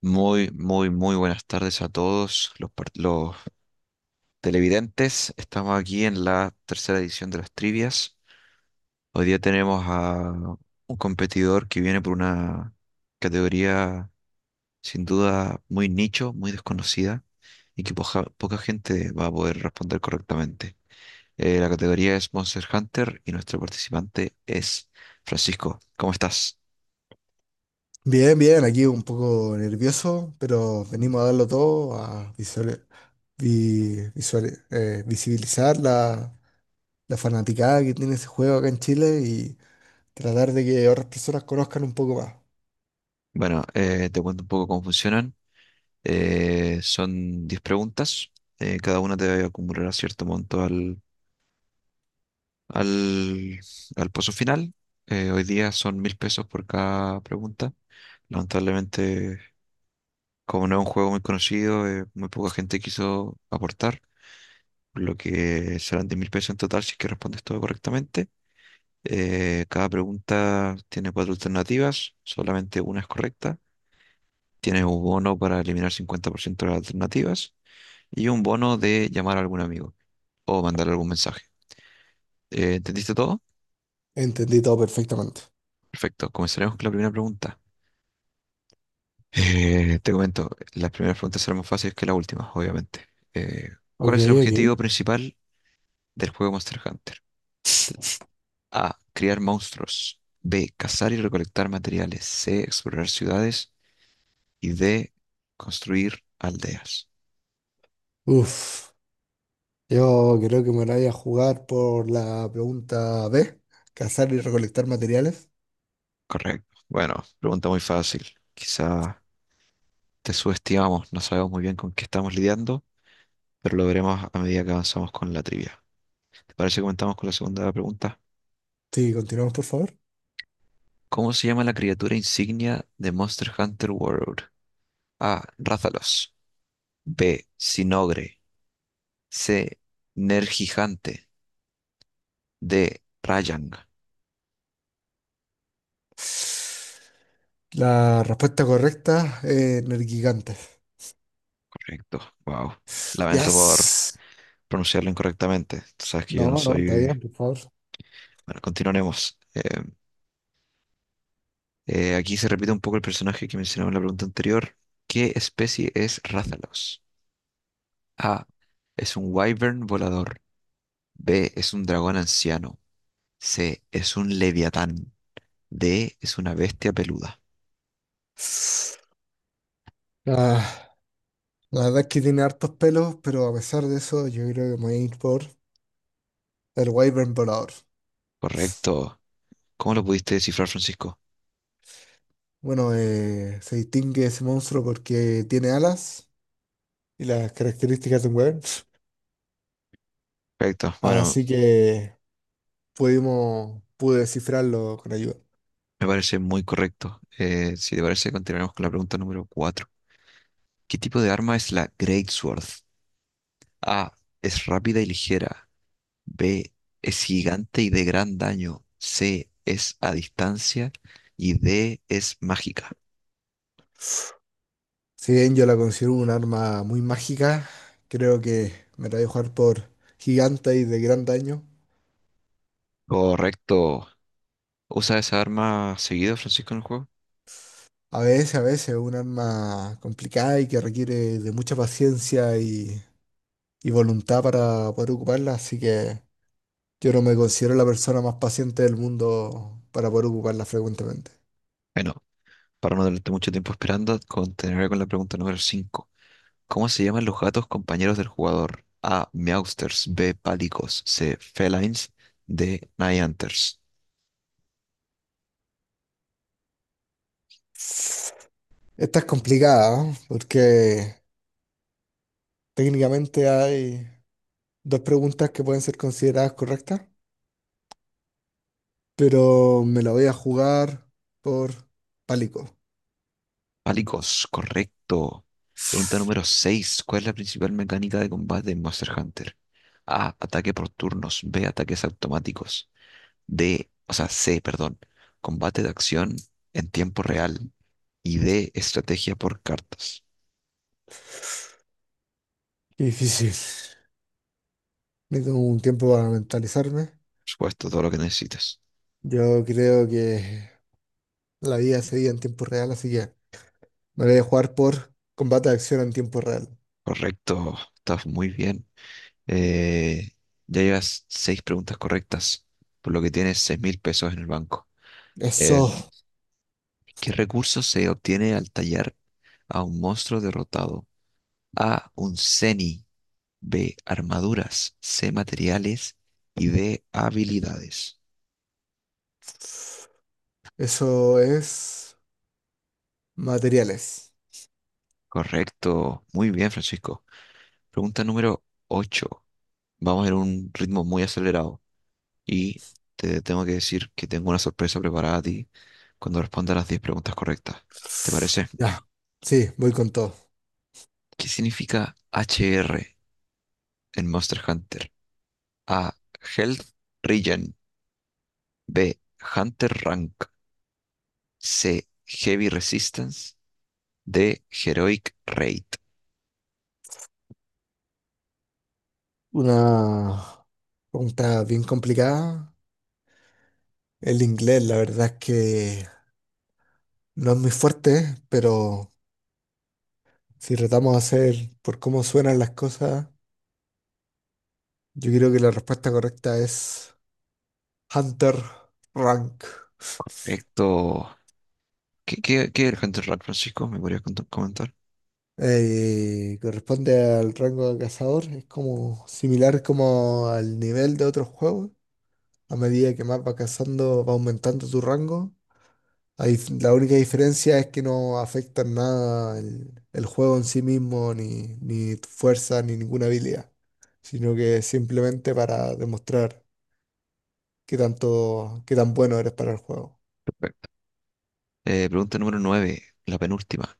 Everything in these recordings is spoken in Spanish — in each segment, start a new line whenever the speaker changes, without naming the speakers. Muy, muy, muy buenas tardes a todos los televidentes. Estamos aquí en la tercera edición de las trivias. Hoy día tenemos a un competidor que viene por una categoría sin duda muy nicho, muy desconocida y que poca gente va a poder responder correctamente. La categoría es Monster Hunter y nuestro participante es Francisco. ¿Cómo estás?
Bien, bien, aquí un poco nervioso, pero venimos a darlo todo, a visibilizar la fanaticada que tiene ese juego acá en Chile y tratar de que otras personas conozcan un poco más.
Bueno, te cuento un poco cómo funcionan. Son 10 preguntas. Cada una te acumulará cierto monto al, al pozo final. Hoy día son 1.000 pesos por cada pregunta. Lamentablemente, como no es un juego muy conocido, muy poca gente quiso aportar, por lo que serán 10.000 pesos en total si es que respondes todo correctamente. Cada pregunta tiene cuatro alternativas, solamente una es correcta. Tienes un bono para eliminar 50% de las alternativas y un bono de llamar a algún amigo. O mandar algún mensaje. ¿Entendiste todo?
Entendí todo perfectamente.
Perfecto, comenzaremos con la primera pregunta. Te comento, las primeras preguntas serán más fáciles que las últimas, obviamente. Eh, ¿Cuál
Ok,
es el
ok.
objetivo principal del juego Monster Hunter? A. Criar monstruos. B. Cazar y recolectar materiales. C. Explorar ciudades. Y D. Construir aldeas.
Uf, yo creo que me la voy a jugar por la pregunta B, cazar y recolectar materiales.
Correcto. Bueno, pregunta muy fácil. Quizá te subestimamos, no sabemos muy bien con qué estamos lidiando, pero lo veremos a medida que avanzamos con la trivia. ¿Te parece que comenzamos con la segunda pregunta?
Sí, continuamos, por favor.
¿Cómo se llama la criatura insignia de Monster Hunter World? A. Rathalos. B. Sinogre. C. Nergigante. D. Rayang.
La respuesta correcta es Nergigantes.
Correcto. Wow. Lamento por
Yes.
pronunciarlo incorrectamente. Tú sabes que yo no
No, no, está
soy...
bien, por favor.
Bueno, continuaremos. Aquí se repite un poco el personaje que mencionaba en la pregunta anterior. ¿Qué especie es Rathalos? A. Es un wyvern volador. B. Es un dragón anciano. C. Es un leviatán. D. Es una bestia peluda.
Ah, la verdad es que tiene hartos pelos, pero a pesar de eso, yo creo que me voy a ir por el Wyvern volador.
Correcto. ¿Cómo lo pudiste descifrar, Francisco?
Bueno, se distingue ese monstruo porque tiene alas y las características de un Wyvern.
Correcto. Bueno,
Así que pudimos, pude descifrarlo con ayuda.
me parece muy correcto. Si te parece, continuaremos con la pregunta número 4. ¿Qué tipo de arma es la Greatsword? A. Es rápida y ligera. B. Es gigante y de gran daño. C. Es a distancia. Y D. Es mágica.
Si bien yo la considero un arma muy mágica, creo que me la voy a jugar por gigante y de gran daño.
Correcto. ¿Usa esa arma seguido, Francisco, en el juego?
A veces, un arma complicada y que requiere de mucha paciencia y voluntad para poder ocuparla, así que yo no me considero la persona más paciente del mundo para poder ocuparla frecuentemente.
Bueno, para no darte mucho tiempo esperando, continuaré con la pregunta número 5. ¿Cómo se llaman los gatos compañeros del jugador? A. Meowsters. B. Palicos. C. Felines. D. Nighthunters.
Esta es complicada, ¿no? Porque técnicamente hay dos preguntas que pueden ser consideradas correctas, pero me la voy a jugar por pálico.
Palicos, correcto. Pregunta número 6. ¿Cuál es la principal mecánica de combate en Monster Hunter? A. Ataque por turnos. B. Ataques automáticos. D. O sea, C, perdón. Combate de acción en tiempo real. Y D. Estrategia por cartas.
Qué difícil. Necesito un tiempo para mentalizarme.
Por supuesto, todo lo que necesitas.
Yo creo que la vida seguía en tiempo real, así que me voy a jugar por combate de acción en tiempo real.
Correcto, estás muy bien. Eh, ya llevas seis preguntas correctas, por lo que tienes 6.000 pesos en el banco. Eh,
Eso,
¿Qué recurso se obtiene al tallar a un monstruo derrotado? A, un Zeni, B, armaduras, C, materiales y D, habilidades.
eso es materiales.
Correcto, muy bien, Francisco. Pregunta número 8. Vamos en un ritmo muy acelerado. Y te tengo que decir que tengo una sorpresa preparada a ti cuando respondas las 10 preguntas correctas. ¿Te parece?
Ya, sí, voy con todo.
¿Qué significa HR en Monster Hunter? A. Health Regen. B. Hunter Rank. C. Heavy Resistance. D. Heroic Raid.
Una pregunta bien complicada. El inglés, la verdad es que no es muy fuerte, pero si tratamos de hacer por cómo suenan las cosas, yo creo que la respuesta correcta es Hunter Rank.
Correcto. ¿Qué es el Hunter Rank, Francisco? ¿Me podrías comentar?
Corresponde al rango de cazador, es como similar como al nivel de otros juegos. A medida que más va cazando, va aumentando tu rango. Ahí la única diferencia es que no afecta en nada el juego en sí mismo, ni tu fuerza, ni ninguna habilidad, sino que es simplemente para demostrar qué tanto, qué tan bueno eres para el juego.
Perfecto. Pregunta número 9, la penúltima.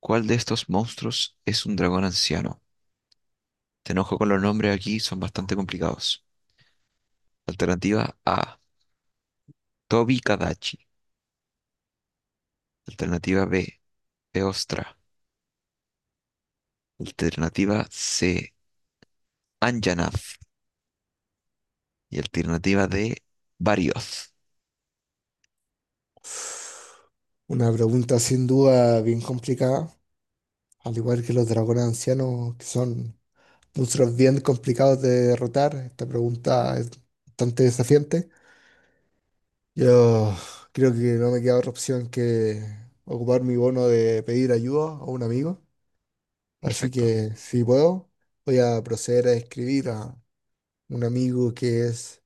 ¿Cuál de estos monstruos es un dragón anciano? Te enojo con los nombres aquí, son bastante complicados. Alternativa A, Tobi Kadachi. Alternativa B, Eostra. Alternativa C, Anjanath. Y alternativa D, Barioth.
Una pregunta sin duda bien complicada, al igual que los dragones ancianos, que son monstruos bien complicados de derrotar. Esta pregunta es bastante desafiante. Yo creo que no me queda otra opción que ocupar mi bono de pedir ayuda a un amigo. Así
Perfecto.
que si puedo, voy a proceder a escribir a un amigo que es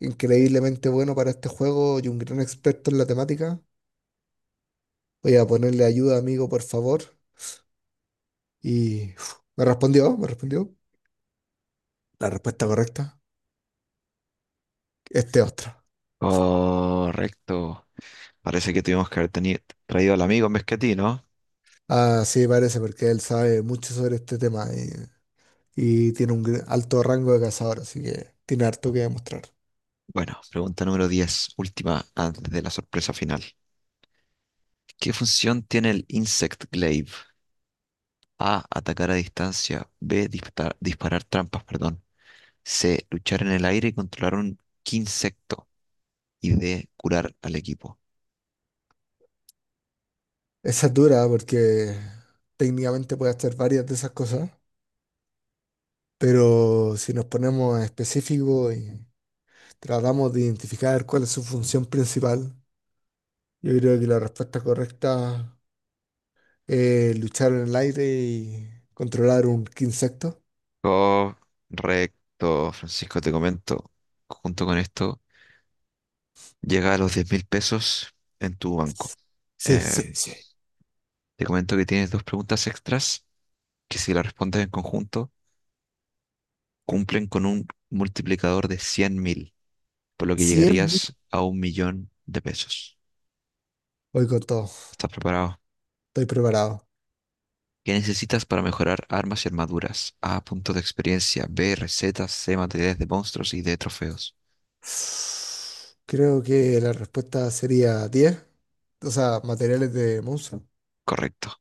increíblemente bueno para este juego y un gran experto en la temática. Voy a ponerle ayuda, amigo, por favor. Y uf, me respondió, me respondió. La respuesta correcta, este otro.
Correcto. Parece que tuvimos que haber traído al amigo en vez que a ti, ¿no?
Ah, sí, parece, porque él sabe mucho sobre este tema y tiene un alto rango de cazador, así que tiene harto que demostrar.
Bueno, pregunta número 10, última antes de la sorpresa final. ¿Qué función tiene el Insect Glaive? A, atacar a distancia. B, disparar trampas, perdón. C. Luchar en el aire y controlar un insecto. Y D. Curar al equipo.
Esa es dura porque técnicamente puede hacer varias de esas cosas, pero si nos ponemos específicos y tratamos de identificar cuál es su función principal, yo creo que la respuesta correcta es luchar en el aire y controlar un insecto.
Correcto, Francisco, te comento. Junto con esto, llega a los 10.000 pesos en tu banco.
Sí,
Eh,
sí, sí.
Te comento que tienes dos preguntas extras que si las respondes en conjunto, cumplen con un multiplicador de 100.000, por lo que
cien es
llegarías a 1 millón de pesos.
Voy con todo.
¿Estás preparado?
Estoy preparado.
¿Qué necesitas para mejorar armas y armaduras? A, puntos de experiencia. B, recetas. C, materiales de monstruos y D, trofeos.
Creo que la respuesta sería 10. O sea, materiales de Monster.
Correcto.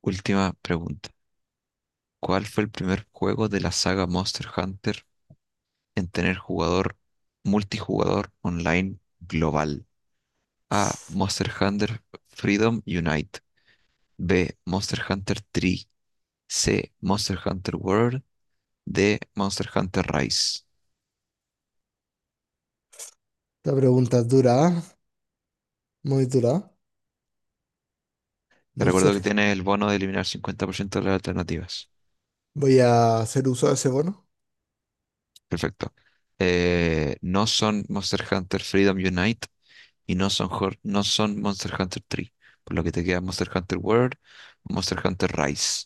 Última pregunta. ¿Cuál fue el primer juego de la saga Monster Hunter en tener jugador multijugador online global? A, Monster Hunter Freedom Unite. B, Monster Hunter 3. C, Monster Hunter World. D, Monster Hunter Rise.
La pregunta es dura, ¿ah? Muy dura.
Te recuerdo que
Monster,
tienes el bono de eliminar 50% de las alternativas.
Voy a hacer uso de ese bono.
Perfecto. No son Monster Hunter Freedom Unite y no son, no son Monster Hunter 3. Por lo que te queda Monster Hunter World, Monster Hunter Rise.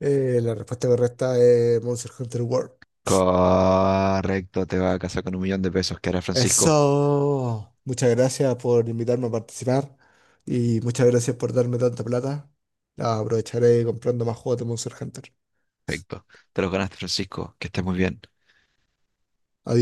La respuesta correcta es Monster Hunter World.
Correcto, te va a casar con 1 millón de pesos que hará Francisco.
Eso. Muchas gracias por invitarme a participar y muchas gracias por darme tanta plata. La aprovecharé comprando más juegos de Monster Hunter.
Perfecto. Te los ganaste, Francisco. Que estés muy bien.
Adiós.